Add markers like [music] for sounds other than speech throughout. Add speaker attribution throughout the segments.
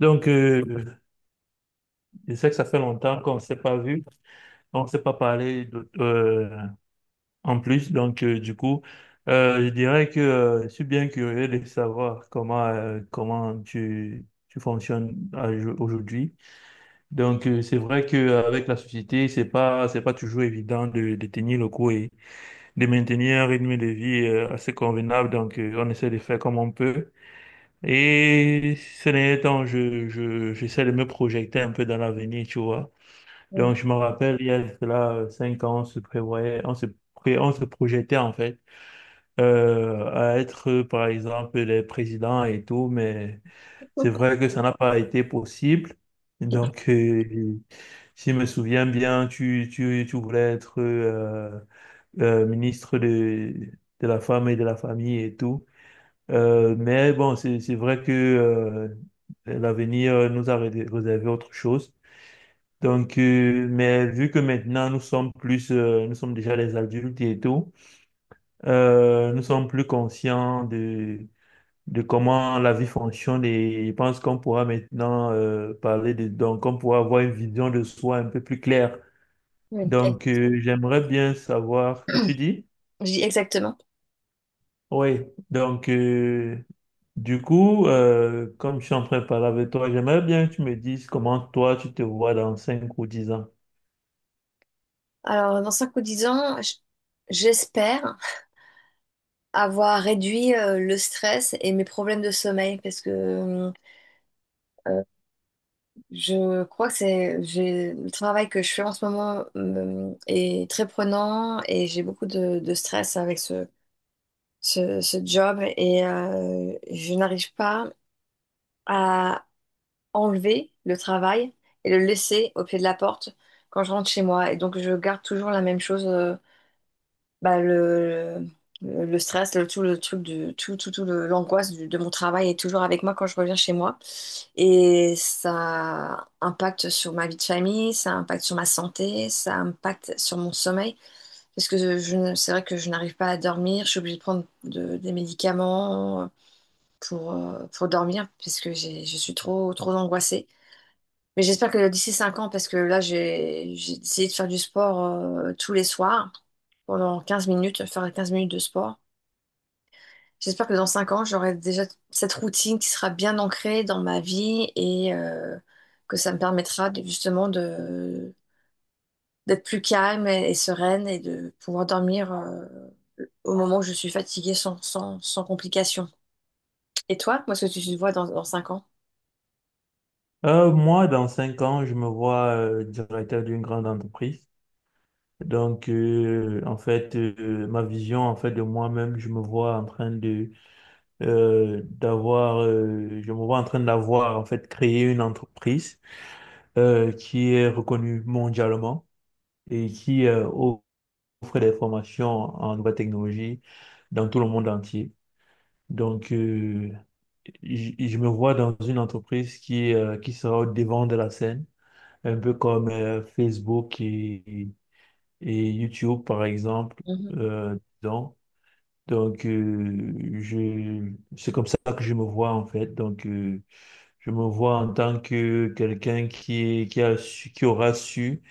Speaker 1: Donc, euh, je sais que ça fait longtemps qu'on ne s'est pas vu, on ne s'est pas en plus. Je dirais que je suis bien curieux de savoir comment tu aujourd'hui. C'est vrai qu'avec la société, c'est pas toujours évident de tenir le coup et de maintenir un rythme de vie, assez convenable. On essaie de faire comme on peut. Et ces derniers temps, j'essaie de me projeter un peu dans l'avenir, tu vois.
Speaker 2: Mm.
Speaker 1: Donc, je me rappelle, il y a cela cinq ans, on se prévoyait, on se projetait en fait, à être, par exemple, les présidents et tout, mais c'est vrai que ça n'a pas été possible. Donc, euh, Si je me souviens bien, tu voulais être ministre de la femme et de la famille et tout. Mais bon, c'est vrai que l'avenir nous a réservé autre chose. Mais vu que maintenant nous sommes nous sommes déjà des adultes et tout, nous sommes plus conscients de comment la vie fonctionne et je pense qu'on pourra maintenant parler de, donc on pourra avoir une vision de soi un peu plus claire.
Speaker 2: Mm.
Speaker 1: J'aimerais bien savoir, tu dis?
Speaker 2: Je dis exactement.
Speaker 1: Oui, donc, comme je suis en train de parler avec toi, j'aimerais bien que tu me dises comment toi tu te vois dans 5 ou 10 ans.
Speaker 2: Alors, dans 5 ou 10 ans, j'espère avoir réduit le stress et mes problèmes de sommeil parce que euh, je crois que le travail que je fais en ce moment est très prenant et j'ai beaucoup de stress avec ce job et je n'arrive pas à enlever le travail et le laisser au pied de la porte quand je rentre chez moi. Et donc, je garde toujours la même chose. Bah, le stress, le, tout le truc du, tout, tout, tout le- l'angoisse de mon travail est toujours avec moi quand je reviens chez moi. Et ça impacte sur ma vie de famille, ça impacte sur ma santé, ça impacte sur mon sommeil. Parce que je ne- c'est vrai que je n'arrive pas à dormir, je suis obligée de prendre des médicaments pour dormir, parce que je suis trop, trop angoissée. Mais j'espère que d'ici 5 ans, parce que là, j'ai essayé de faire du sport tous les soirs pendant 15 minutes, faire 15 minutes de sport. J'espère que dans 5 ans, j'aurai déjà cette routine qui sera bien ancrée dans ma vie et que ça me permettra justement de d'être plus calme et sereine et de pouvoir dormir au moment où je suis fatiguée sans, sans, sans complications. Et toi, comment est-ce que tu te vois dans, dans 5 ans?
Speaker 1: Moi, dans cinq ans, je me vois directeur d'une grande entreprise. Donc, ma vision en fait de moi-même, je me vois en train je me vois en train d'avoir en fait créé une entreprise. Euh, qui est reconnu mondialement et qui offre des formations en nouvelles technologies dans tout le monde entier. Donc, euh, je me vois dans une entreprise qui sera au devant de la scène, un peu comme Facebook et YouTube, par exemple. euh, donc, donc, euh, je, c'est comme ça que je me vois, en fait. Je me vois en tant que quelqu'un qui aura su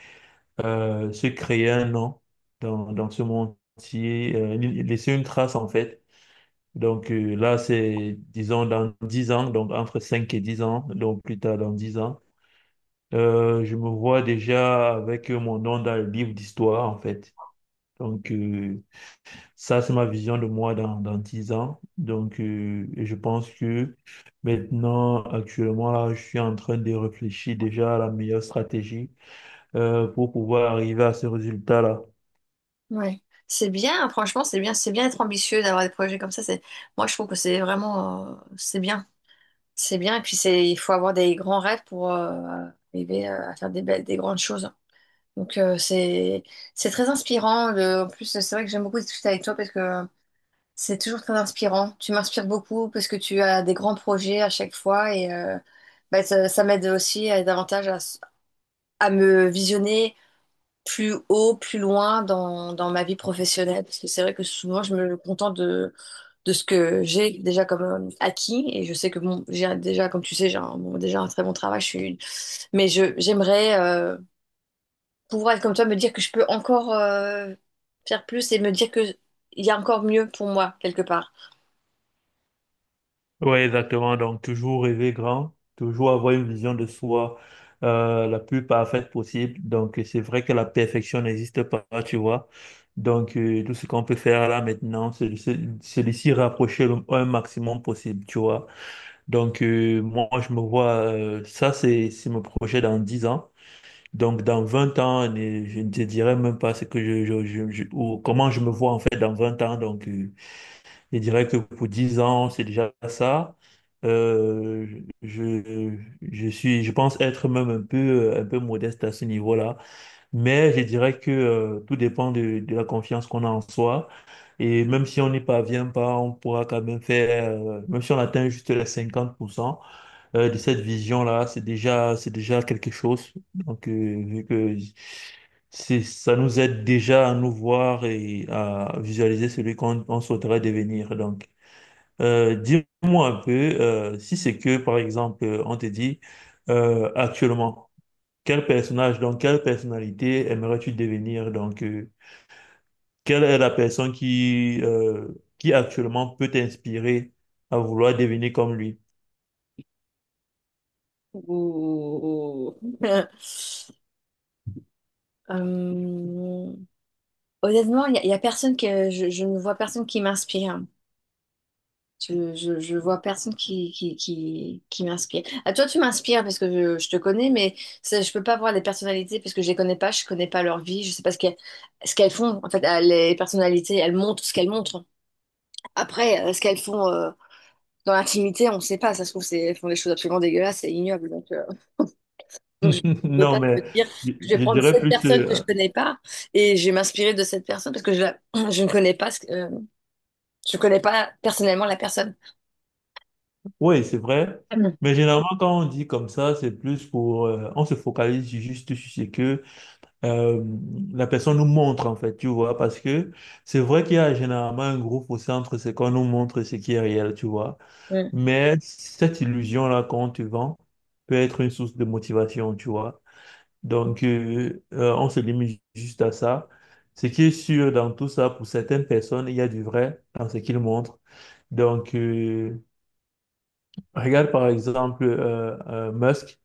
Speaker 1: euh, se créer un nom dans ce monde entier, laisser une trace en fait. Là, c'est, disons, dans 10 ans, donc entre 5 et 10 ans, donc plus tard dans 10 ans, je me vois déjà avec mon nom dans le livre d'histoire en fait. Donc euh, Ça, c'est ma vision de moi dans 10 ans. Je pense que maintenant, actuellement, là, je suis en train de réfléchir déjà à la meilleure stratégie pour pouvoir arriver à ce résultat-là.
Speaker 2: Ouais. C'est bien, hein, franchement, c'est bien d'être ambitieux, d'avoir des projets comme ça. C'est, moi, je trouve que c'est vraiment, c'est bien, c'est bien. Et puis c'est, il faut avoir des grands rêves pour arriver à faire des belles, des grandes choses. Donc c'est très inspirant. En plus, c'est vrai que j'aime beaucoup discuter avec toi parce que c'est toujours très inspirant. Tu m'inspires beaucoup parce que tu as des grands projets à chaque fois et bah, ça m'aide aussi davantage à, à me visionner plus haut, plus loin dans, dans ma vie professionnelle. Parce que c'est vrai que souvent, je me contente de ce que j'ai déjà comme acquis. Et je sais que bon, j'ai déjà, comme tu sais, j'ai un, bon, déjà un très bon travail. Mais je, j'aimerais pouvoir être comme toi, me dire que je peux encore faire plus et me dire que il y a encore mieux pour moi, quelque part.
Speaker 1: Oui, exactement. Donc, toujours rêver grand, toujours avoir une vision de soi, la plus parfaite possible. Donc, c'est vrai que la perfection n'existe pas, tu vois. Tout ce qu'on peut faire là maintenant, c'est de s'y rapprocher le un maximum possible, tu vois. Moi, je me vois, ça, c'est mon projet dans 10 ans. Donc, dans 20 ans, je ne te dirai même pas ce que ou comment je me vois en fait dans 20 ans. Je dirais que pour 10 ans, c'est déjà ça. Euh, je, je suis, je pense être même un un peu modeste à ce niveau-là. Mais je dirais que tout dépend de la confiance qu'on a en soi. Et même si on n'y parvient pas, on pourra quand même faire, même si on atteint juste les 50% de cette vision-là, c'est déjà quelque chose. Vu que c'est, ça nous aide déjà à nous voir et à visualiser celui qu'on on souhaiterait devenir. Dis-moi un peu, si c'est que, par exemple, on te dit actuellement, quel personnage, donc quelle personnalité aimerais-tu devenir? Quelle est la personne qui actuellement peut t'inspirer à vouloir devenir comme lui?
Speaker 2: Ouh. [laughs] Euh, honnêtement, il y a personne que je ne vois personne qui m'inspire. Je vois personne qui m'inspire. À toi, tu m'inspires parce que je te connais, mais ça, je peux pas voir les personnalités parce que je les connais pas, je connais pas leur vie, je sais pas ce qu'elles ce qu'elles font. En fait, les personnalités, elles montrent ce qu'elles montrent. Après, ce qu'elles font dans l'intimité, on sait pas. Ça se trouve, c'est, elles font des choses absolument dégueulasses et ignobles. Donc je
Speaker 1: [laughs]
Speaker 2: ne peux
Speaker 1: Non,
Speaker 2: pas te
Speaker 1: mais
Speaker 2: dire que
Speaker 1: je,
Speaker 2: je vais
Speaker 1: je
Speaker 2: prendre
Speaker 1: dirais
Speaker 2: cette
Speaker 1: plus,
Speaker 2: personne que je
Speaker 1: euh,
Speaker 2: connais pas et je vais m'inspirer de cette personne parce que je, [clears throat] je ne connais pas, je connais pas personnellement la personne.
Speaker 1: oui, c'est vrai.
Speaker 2: Mhm.
Speaker 1: Mais généralement, quand on dit comme ça, c'est plus pour, on se focalise juste sur ce que euh, la personne nous montre en fait, tu vois, parce que c'est vrai qu'il y a généralement un groupe au centre, c'est qu'on nous montre ce qui est réel, tu vois.
Speaker 2: Mhm.
Speaker 1: Mais cette illusion-là qu'on te vend peut être une source de motivation, tu vois. Donc, on se limite juste à ça. Ce qui est sûr dans tout ça, pour certaines personnes, il y a du vrai dans ce qu'ils montrent. Donc, euh, Regarde par exemple, Musk,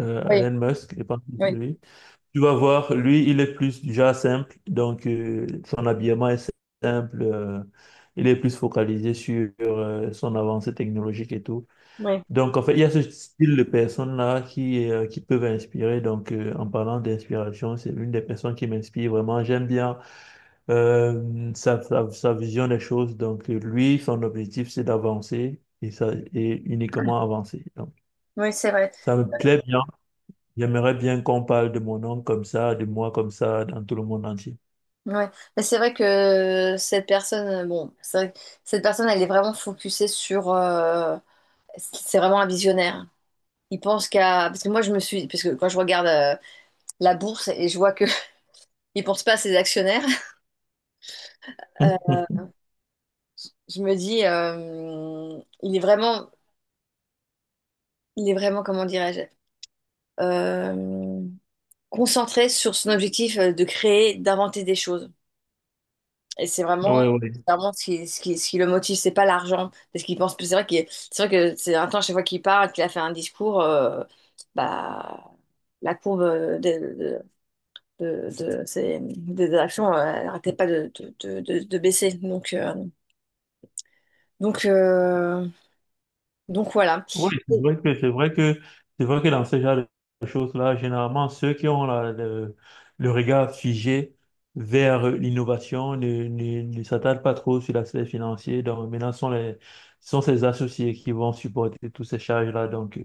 Speaker 2: Oui,
Speaker 1: Elon Musk, je pense que c'est
Speaker 2: oui,
Speaker 1: lui. Tu vas voir, lui, il est plus du genre simple, son habillement est simple, il est plus focalisé sur son avancée technologique et tout.
Speaker 2: oui.
Speaker 1: Donc, en fait, il y a ce style de personnes-là qui peuvent inspirer. En parlant d'inspiration, c'est une des personnes qui m'inspire vraiment. J'aime bien sa vision des choses. Lui, son objectif, c'est d'avancer et, ça, et uniquement avancer. Donc,
Speaker 2: Oui, c'est vrai.
Speaker 1: ça me plaît bien. J'aimerais bien qu'on parle de mon nom comme ça, de moi comme ça, dans tout le monde entier.
Speaker 2: Ouais. Mais c'est vrai que cette personne, bon, c'est vrai que cette personne, elle est vraiment focusée sur. C'est vraiment un visionnaire. Il pense qu'à. Parce que moi, je me suis. Parce que quand je regarde la bourse et je vois que [laughs] il pense pas à ses actionnaires, euh,
Speaker 1: [laughs]
Speaker 2: je me dis, il est vraiment. Il est vraiment, comment dirais-je, euh, concentré sur son objectif de créer, d'inventer des choses. Et
Speaker 1: Ouais, ouais.
Speaker 2: c'est vraiment ce qui, ce qui, ce qui le motive, c'est pas l'argent. Parce qu'il pense. C'est vrai que c'est vrai que c'est un temps, chaque fois qu'il parle, qu'il a fait un discours, bah, la courbe de, de, de des actions elle n'arrêtait pas de baisser. Donc, euh, donc voilà.
Speaker 1: Oui, c'est vrai que c'est vrai que c'est vrai que dans ce genre de choses-là, généralement ceux qui le regard figé vers l'innovation ne s'attardent pas trop sur l'aspect financier. Donc maintenant, ce sont ces associés qui vont supporter toutes ces charges-là.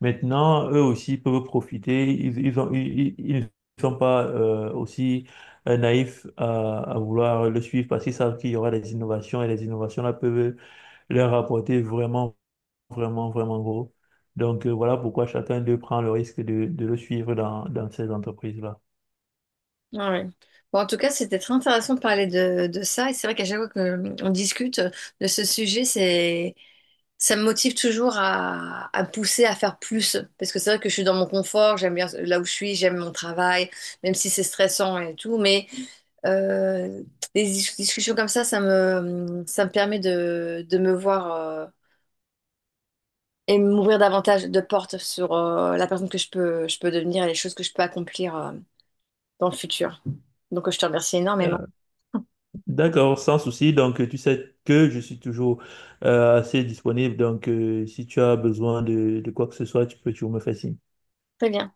Speaker 1: Maintenant, eux aussi peuvent profiter. Ils ont ils, ils Ils ne sont pas aussi naïfs à vouloir le suivre parce qu'ils savent qu'il y aura des innovations et les innovations là peuvent leur apporter vraiment gros. Voilà pourquoi chacun d'eux prend le risque de le suivre dans ces entreprises-là.
Speaker 2: Ah ouais. Bon, en tout cas, c'était très intéressant de parler de ça. Et c'est vrai qu'à chaque fois qu'on discute de ce sujet, c'est ça me motive toujours à me pousser à faire plus. Parce que c'est vrai que je suis dans mon confort, j'aime bien là où je suis, j'aime mon travail, même si c'est stressant et tout. Mais euh, des discussions comme ça, ça me permet de me voir et m'ouvrir davantage de portes sur la personne que je peux devenir et les choses que je peux accomplir dans le futur. Donc, je te remercie énormément.
Speaker 1: Euh,
Speaker 2: [laughs]
Speaker 1: D'accord, sans souci. Tu sais que je suis toujours assez disponible. Si tu as besoin de quoi que ce soit, tu peux toujours me faire signe.
Speaker 2: Très bien.